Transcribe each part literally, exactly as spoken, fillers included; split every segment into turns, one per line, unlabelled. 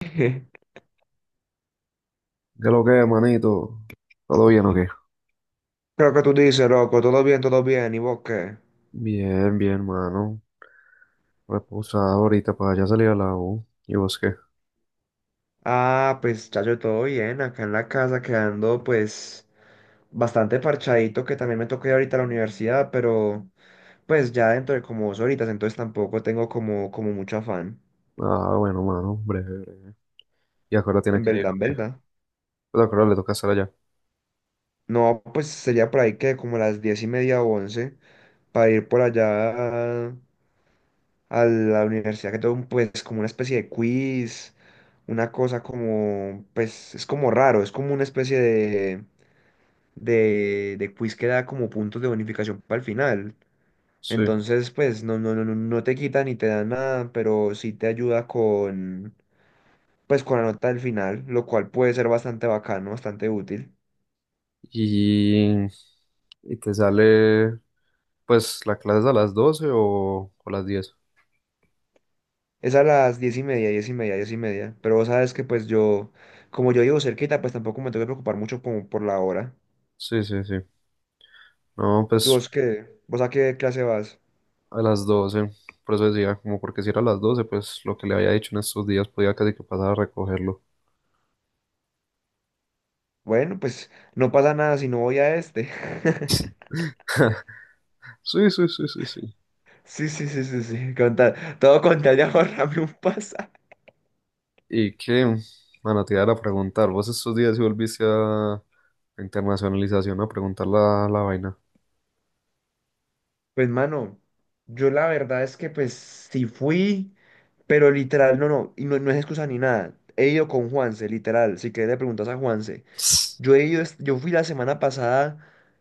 ¿Qué lo que, manito? ¿Todo bien o qué?
Creo que tú dices, loco, todo bien, todo bien, ¿y vos qué?
Bien, bien, mano. Reposado ahorita para ya salir a la U. ¿Y vos qué?
Ah, pues chacho, todo bien, acá en la casa quedando pues bastante parchadito, que también me toca ir ahorita a la universidad, pero pues ya dentro de como dos horitas, entonces tampoco tengo como, como mucho afán,
Ah, bueno, mano, breve, breve. ¿Y ahora tienes
en
que ir
verdad,
o
en
qué?
verdad.
Pues ahora le toca estar allá.
No, pues sería por ahí que como las diez y media o once, para ir por allá a la universidad que todo un, pues como una especie de quiz, una cosa como, pues es como raro, es como una especie de, de, de quiz que da como puntos de bonificación para el final.
Sí.
Entonces, pues no, no, no, no no te quita ni te da nada, pero sí te ayuda con, pues con la nota del final, lo cual puede ser bastante bacano, bastante útil.
Y... ¿Y te sale, pues, la clase es a las doce o, o a las diez?
Es a las diez y media, diez y media, diez y media. Pero vos sabes que pues yo, como yo vivo cerquita, pues tampoco me tengo que preocupar mucho como por la hora.
Sí, sí, sí. No,
¿Y
pues,
vos qué? ¿Vos a qué clase vas?
a las doce. Por eso decía, como porque si era a las doce, pues, lo que le había dicho en estos días podía casi que pasar a recogerlo.
Bueno, pues no pasa nada si no voy a este.
Sí, sí, sí, sí, sí.
Sí, sí, sí, sí, sí. Con tal- todo con tal de ahorrarme un pasaje.
Y que, bueno, te iba a preguntar, vos estos días si volviste a a internacionalización a preguntar la, la vaina.
Pues, mano, yo la verdad es que pues sí fui, pero literal, no, no, y no, no es excusa ni nada. He ido con Juanse, literal. Si querés le preguntas a Juanse. Yo he ido, es- yo fui la semana pasada,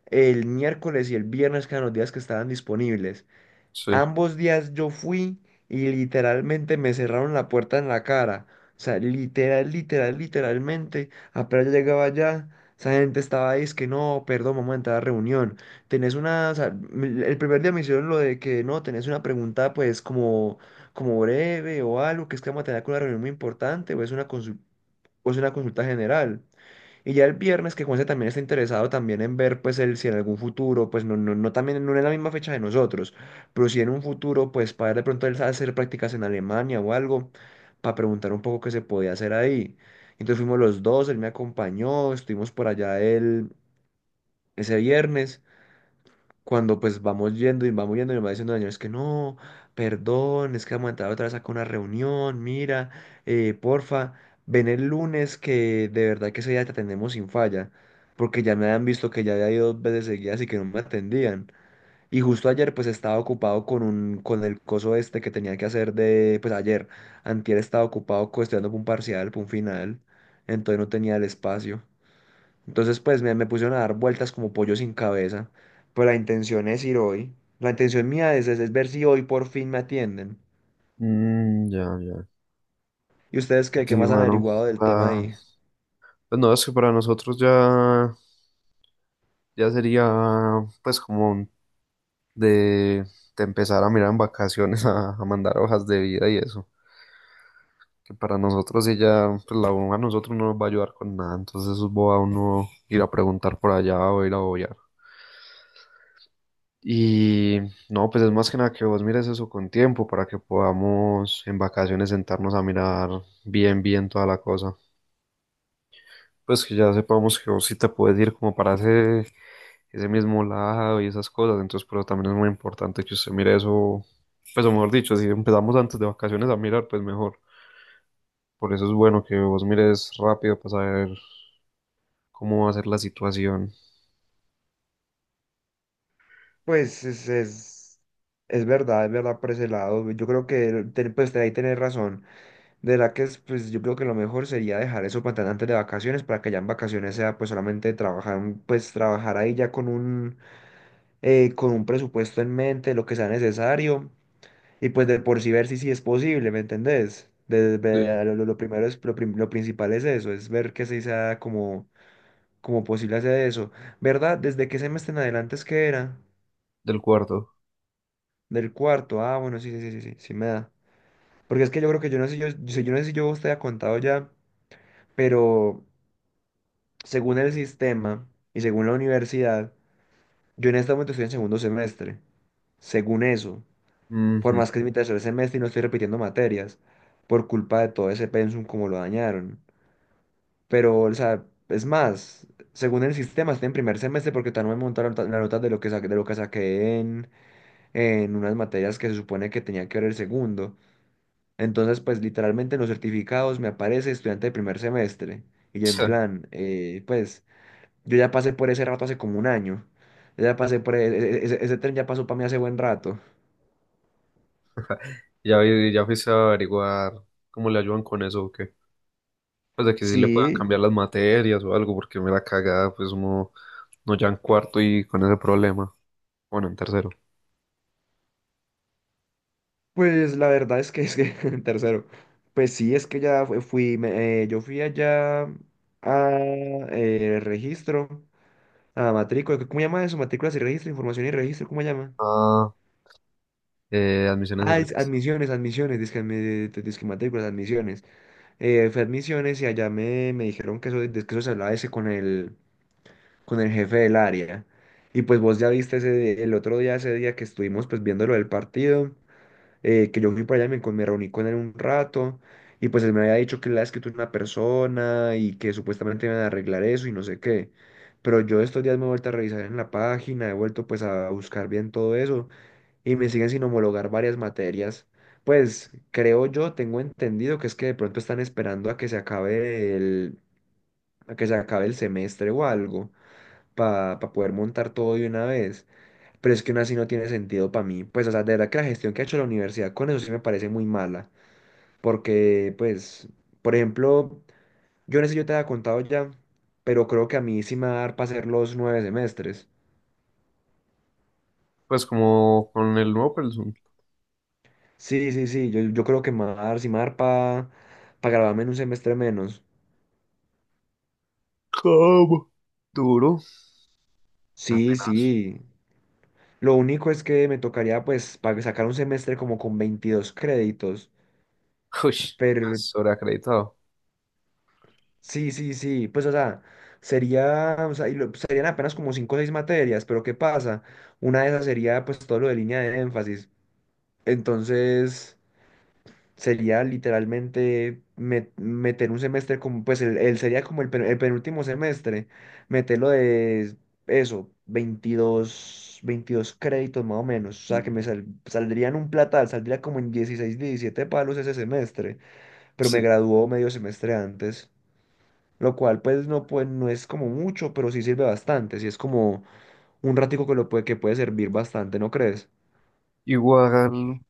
el miércoles y el viernes, que eran los días que estaban disponibles.
Sí.
Ambos días yo fui y literalmente me cerraron la puerta en la cara. O sea, literal, literal, literalmente. Apenas yo llegaba allá, esa gente estaba ahí, es que no, perdón, vamos a entrar a reunión. Tenés una, o sea, m- el primer día me hicieron lo de que no, tenés una pregunta pues como, como breve o algo, que es que vamos a tener una reunión muy importante o es una consu- o es una consulta general. Y ya el viernes que Juanse también está interesado también en ver pues el, si en algún futuro, pues no, no, no también no en la misma fecha de nosotros, pero si en un futuro pues para de pronto él sabe hacer prácticas en Alemania o algo, para preguntar un poco qué se podía hacer ahí. Entonces fuimos los dos, él me acompañó, estuvimos por allá él ese viernes cuando pues vamos yendo y vamos yendo y me va diciendo Daniel, es que no, perdón, es que vamos a entrar otra vez acá a una reunión, mira, eh, porfa, ven el lunes que de verdad que ese día te atendemos sin falla, porque ya me habían visto que ya había ido dos veces seguidas y que no me atendían. Y justo ayer pues estaba ocupado con un, con el coso este que tenía que hacer de, pues ayer, antier estaba ocupado co- estudiando para un parcial, para un final, entonces no tenía el espacio. Entonces, pues me, me pusieron a dar vueltas como pollo sin cabeza. Pero la intención es ir hoy. La intención mía es, es, es ver si hoy por fin me atienden.
Mm, ya, ya.
¿Y ustedes qué,
Sí,
qué más han
mano.
averiguado del tema
la-
ahí?
Pues no, es que para nosotros ya, ya sería pues como un- de, de empezar a mirar en vacaciones a, a mandar hojas de vida y eso. Que para nosotros ella pues la U a nosotros no nos va a ayudar con nada, entonces eso es boba uno ir a preguntar por allá o ir a obviar. Y no, pues es más que nada que vos mires eso con tiempo para que podamos en vacaciones sentarnos a mirar bien, bien toda la cosa. Pues que ya sepamos que vos sí te puedes ir como para ese, ese mismo lado y esas cosas. Entonces, pero también es muy importante que usted mire eso, pues o mejor dicho, si empezamos antes de vacaciones a mirar, pues mejor. Por eso es bueno que vos mires rápido para saber cómo va a ser la situación
Pues es, es, es verdad, es verdad por ese lado. Yo creo que ten- pues, ahí tenés razón. De la que es, pues yo creo que lo mejor sería dejar eso para tan antes de vacaciones, para que ya en vacaciones sea pues solamente trabajar, un- pues trabajar ahí ya con un, eh, con un presupuesto en mente, lo que sea necesario. Y pues de por sí ver si sí es posible, ¿me entendés? De-
de-
de- lo, lo lo primero es, lo, prim- lo principal es eso, es ver que sí sea como, como posible hacer eso. ¿Verdad? ¿Desde qué semestre en adelante es que era?
del cuarto.
Del cuarto. Ah, bueno, sí, sí, sí, sí, sí, sí me da. Porque es que yo creo que yo no sé, yo, yo, yo no sé si yo te había contado ya, pero según el sistema y según la universidad, yo en este momento estoy en segundo semestre según eso, por
Ujú.
más que es mi tercer semestre y no estoy repitiendo materias, por culpa de todo ese pensum como lo dañaron. Pero, o sea, es más, según el sistema, estoy en primer semestre porque todavía no me montaron ta- la nota de lo que saqué, de lo que saqué en, en unas materias que se supone que tenía que ver el segundo. Entonces, pues literalmente en los certificados me aparece estudiante de primer semestre. Y yo en plan, eh, pues yo ya pasé por ese rato hace como un año. Yo ya pasé por e- e- e- ese, ese tren, ya pasó para mí hace buen rato.
Ya, vi- ya fuiste a averiguar cómo le ayudan con eso o qué. Pues de que sí le puedan
Sí,
cambiar las materias o algo, porque me la cagada, pues uno no ya en cuarto y con ese problema. Bueno, en tercero.
pues la verdad es que es que en tercero. Pues sí, es que ya fue- fui, me- eh, yo fui allá a eh, registro, a matrícula. ¿Cómo llama eso? Matrículas y registro, información y registro, ¿cómo llama?
Ah, eh, admisiones y
Ah, es
registro.
admisiones, admisiones, dizque, admi- eh, dizque matrículas, admisiones. Eh, fui admisiones y allá me, me dijeron que eso, de que eso se hablaba ese con el, con el jefe del área. Y pues vos ya viste ese, el otro día, ese día que estuvimos pues viendo lo del partido, eh, que yo fui para allá y me, con- me reuní con él un rato y pues él me había dicho que él había escrito una persona y que supuestamente iban a arreglar eso y no sé qué. Pero yo estos días me he vuelto a revisar en la página, he vuelto pues a buscar bien todo eso y me siguen sin homologar varias materias. Pues creo yo, tengo entendido que es que de pronto están esperando a que se acabe el, a que se acabe el semestre o algo para poder montar todo de una vez. Pero es que aún así no tiene sentido para mí. Pues, o sea, de verdad que la gestión que ha hecho la universidad con eso sí me parece muy mala. Porque, pues, por ejemplo, yo no sé si yo te había contado ya, pero creo que a mí sí me va a dar para hacer los nueve semestres.
Pues como con el nuevo Pelsun.
Sí, sí, sí, yo, yo creo que me va a dar, sí me va a dar para graduarme en un semestre menos.
¿Cómo? Duro.
Sí,
Apenas.
sí. Lo único es que me tocaría, pues, para sacar un semestre como con veintidós créditos.
Uy,
Pero
sobreacreditado.
sí, sí, sí, pues o sea, sería, o sea, y lo- serían apenas como cinco o seis materias, pero ¿qué pasa? Una de esas sería pues todo lo de línea de énfasis. Entonces, sería literalmente me- meter un semestre como, pues el, el, sería como el, pe- el penúltimo semestre, meterlo de eso, veintidós veintidós créditos más o menos. O sea, que me sal- saldrían un platal, saldría como en dieciséis, diecisiete palos ese semestre, pero me
Sí.
graduó medio semestre antes, lo cual pues no, pues no es como mucho, pero sí sirve bastante, sí es como un ratico que lo puede, que puede servir bastante, ¿no crees?
Igual,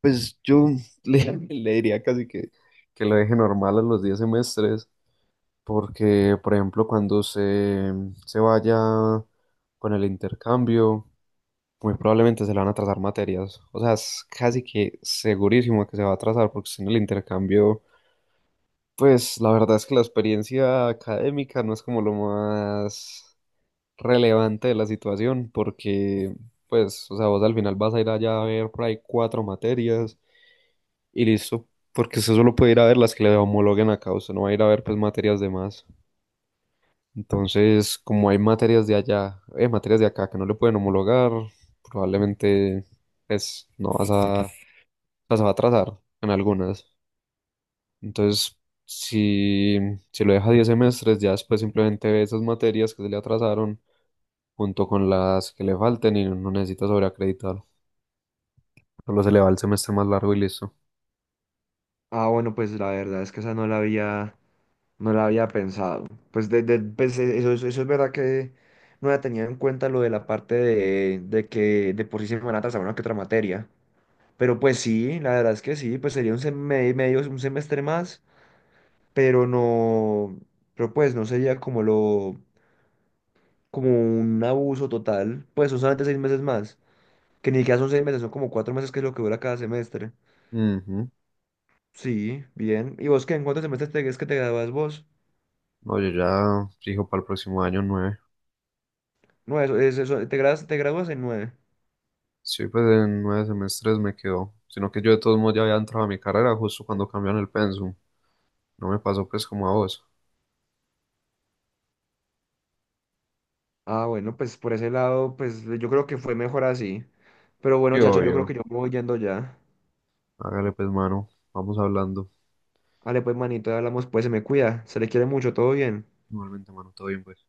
pues yo le, le diría casi que, que lo deje normal a los diez semestres, porque, por ejemplo, cuando se, se vaya con el intercambio, muy probablemente se le van a atrasar materias. O sea, es casi que segurísimo que se va a atrasar porque si en el intercambio, pues la verdad es que la experiencia académica no es como lo más relevante de la situación porque, pues, o sea, vos al final vas a ir allá a ver por ahí cuatro materias y listo. Porque usted solo puede ir a ver las que le homologuen acá, usted no va a ir a ver pues materias de más. Entonces, como hay materias de allá, eh, materias de acá que no le pueden homologar, probablemente pues no vas a sea, se va a atrasar en algunas. Entonces, si, si lo deja diez semestres, ya después simplemente ve esas materias que se le atrasaron junto con las que le falten y no necesita sobreacreditar. Solo se le va el semestre más largo y listo.
Ah, bueno, pues la verdad es que esa no la había, no la había pensado. Pues, de, de- pues e- eso, es- eso es verdad que no había tenido en cuenta lo de la parte de, de que de por sí se me van a atrasar una que otra materia. Pero pues sí, la verdad es que sí, pues sería un sem- me- medio, un semestre más, pero no, pero pues no sería como lo, como un abuso total, pues son solamente seis meses más. Que ni siquiera son seis meses, son como cuatro meses que es lo que dura cada semestre.
Ujú.
Sí, bien. ¿Y vos qué? ¿En cuántos semestres te, es que te gradúas vos?
No, yo ya fijo para el próximo año nueve.
No, eso, es eso, te gradúas, te gradúas en nueve.
Sí, pues en nueve semestres me quedo. Sino que yo de todos modos ya había entrado a mi carrera justo cuando cambiaron el pensum. No me pasó pues como a vos.
Ah, bueno, pues por ese lado, pues yo creo que fue mejor así. Pero
Sí,
bueno, chacho, yo creo que
obvio.
yo me voy yendo ya.
Hágale pues, mano. Vamos hablando.
Vale, pues manito, hablamos, pues se me cuida. Se le quiere mucho, todo bien.
Igualmente, mano, todo bien, pues.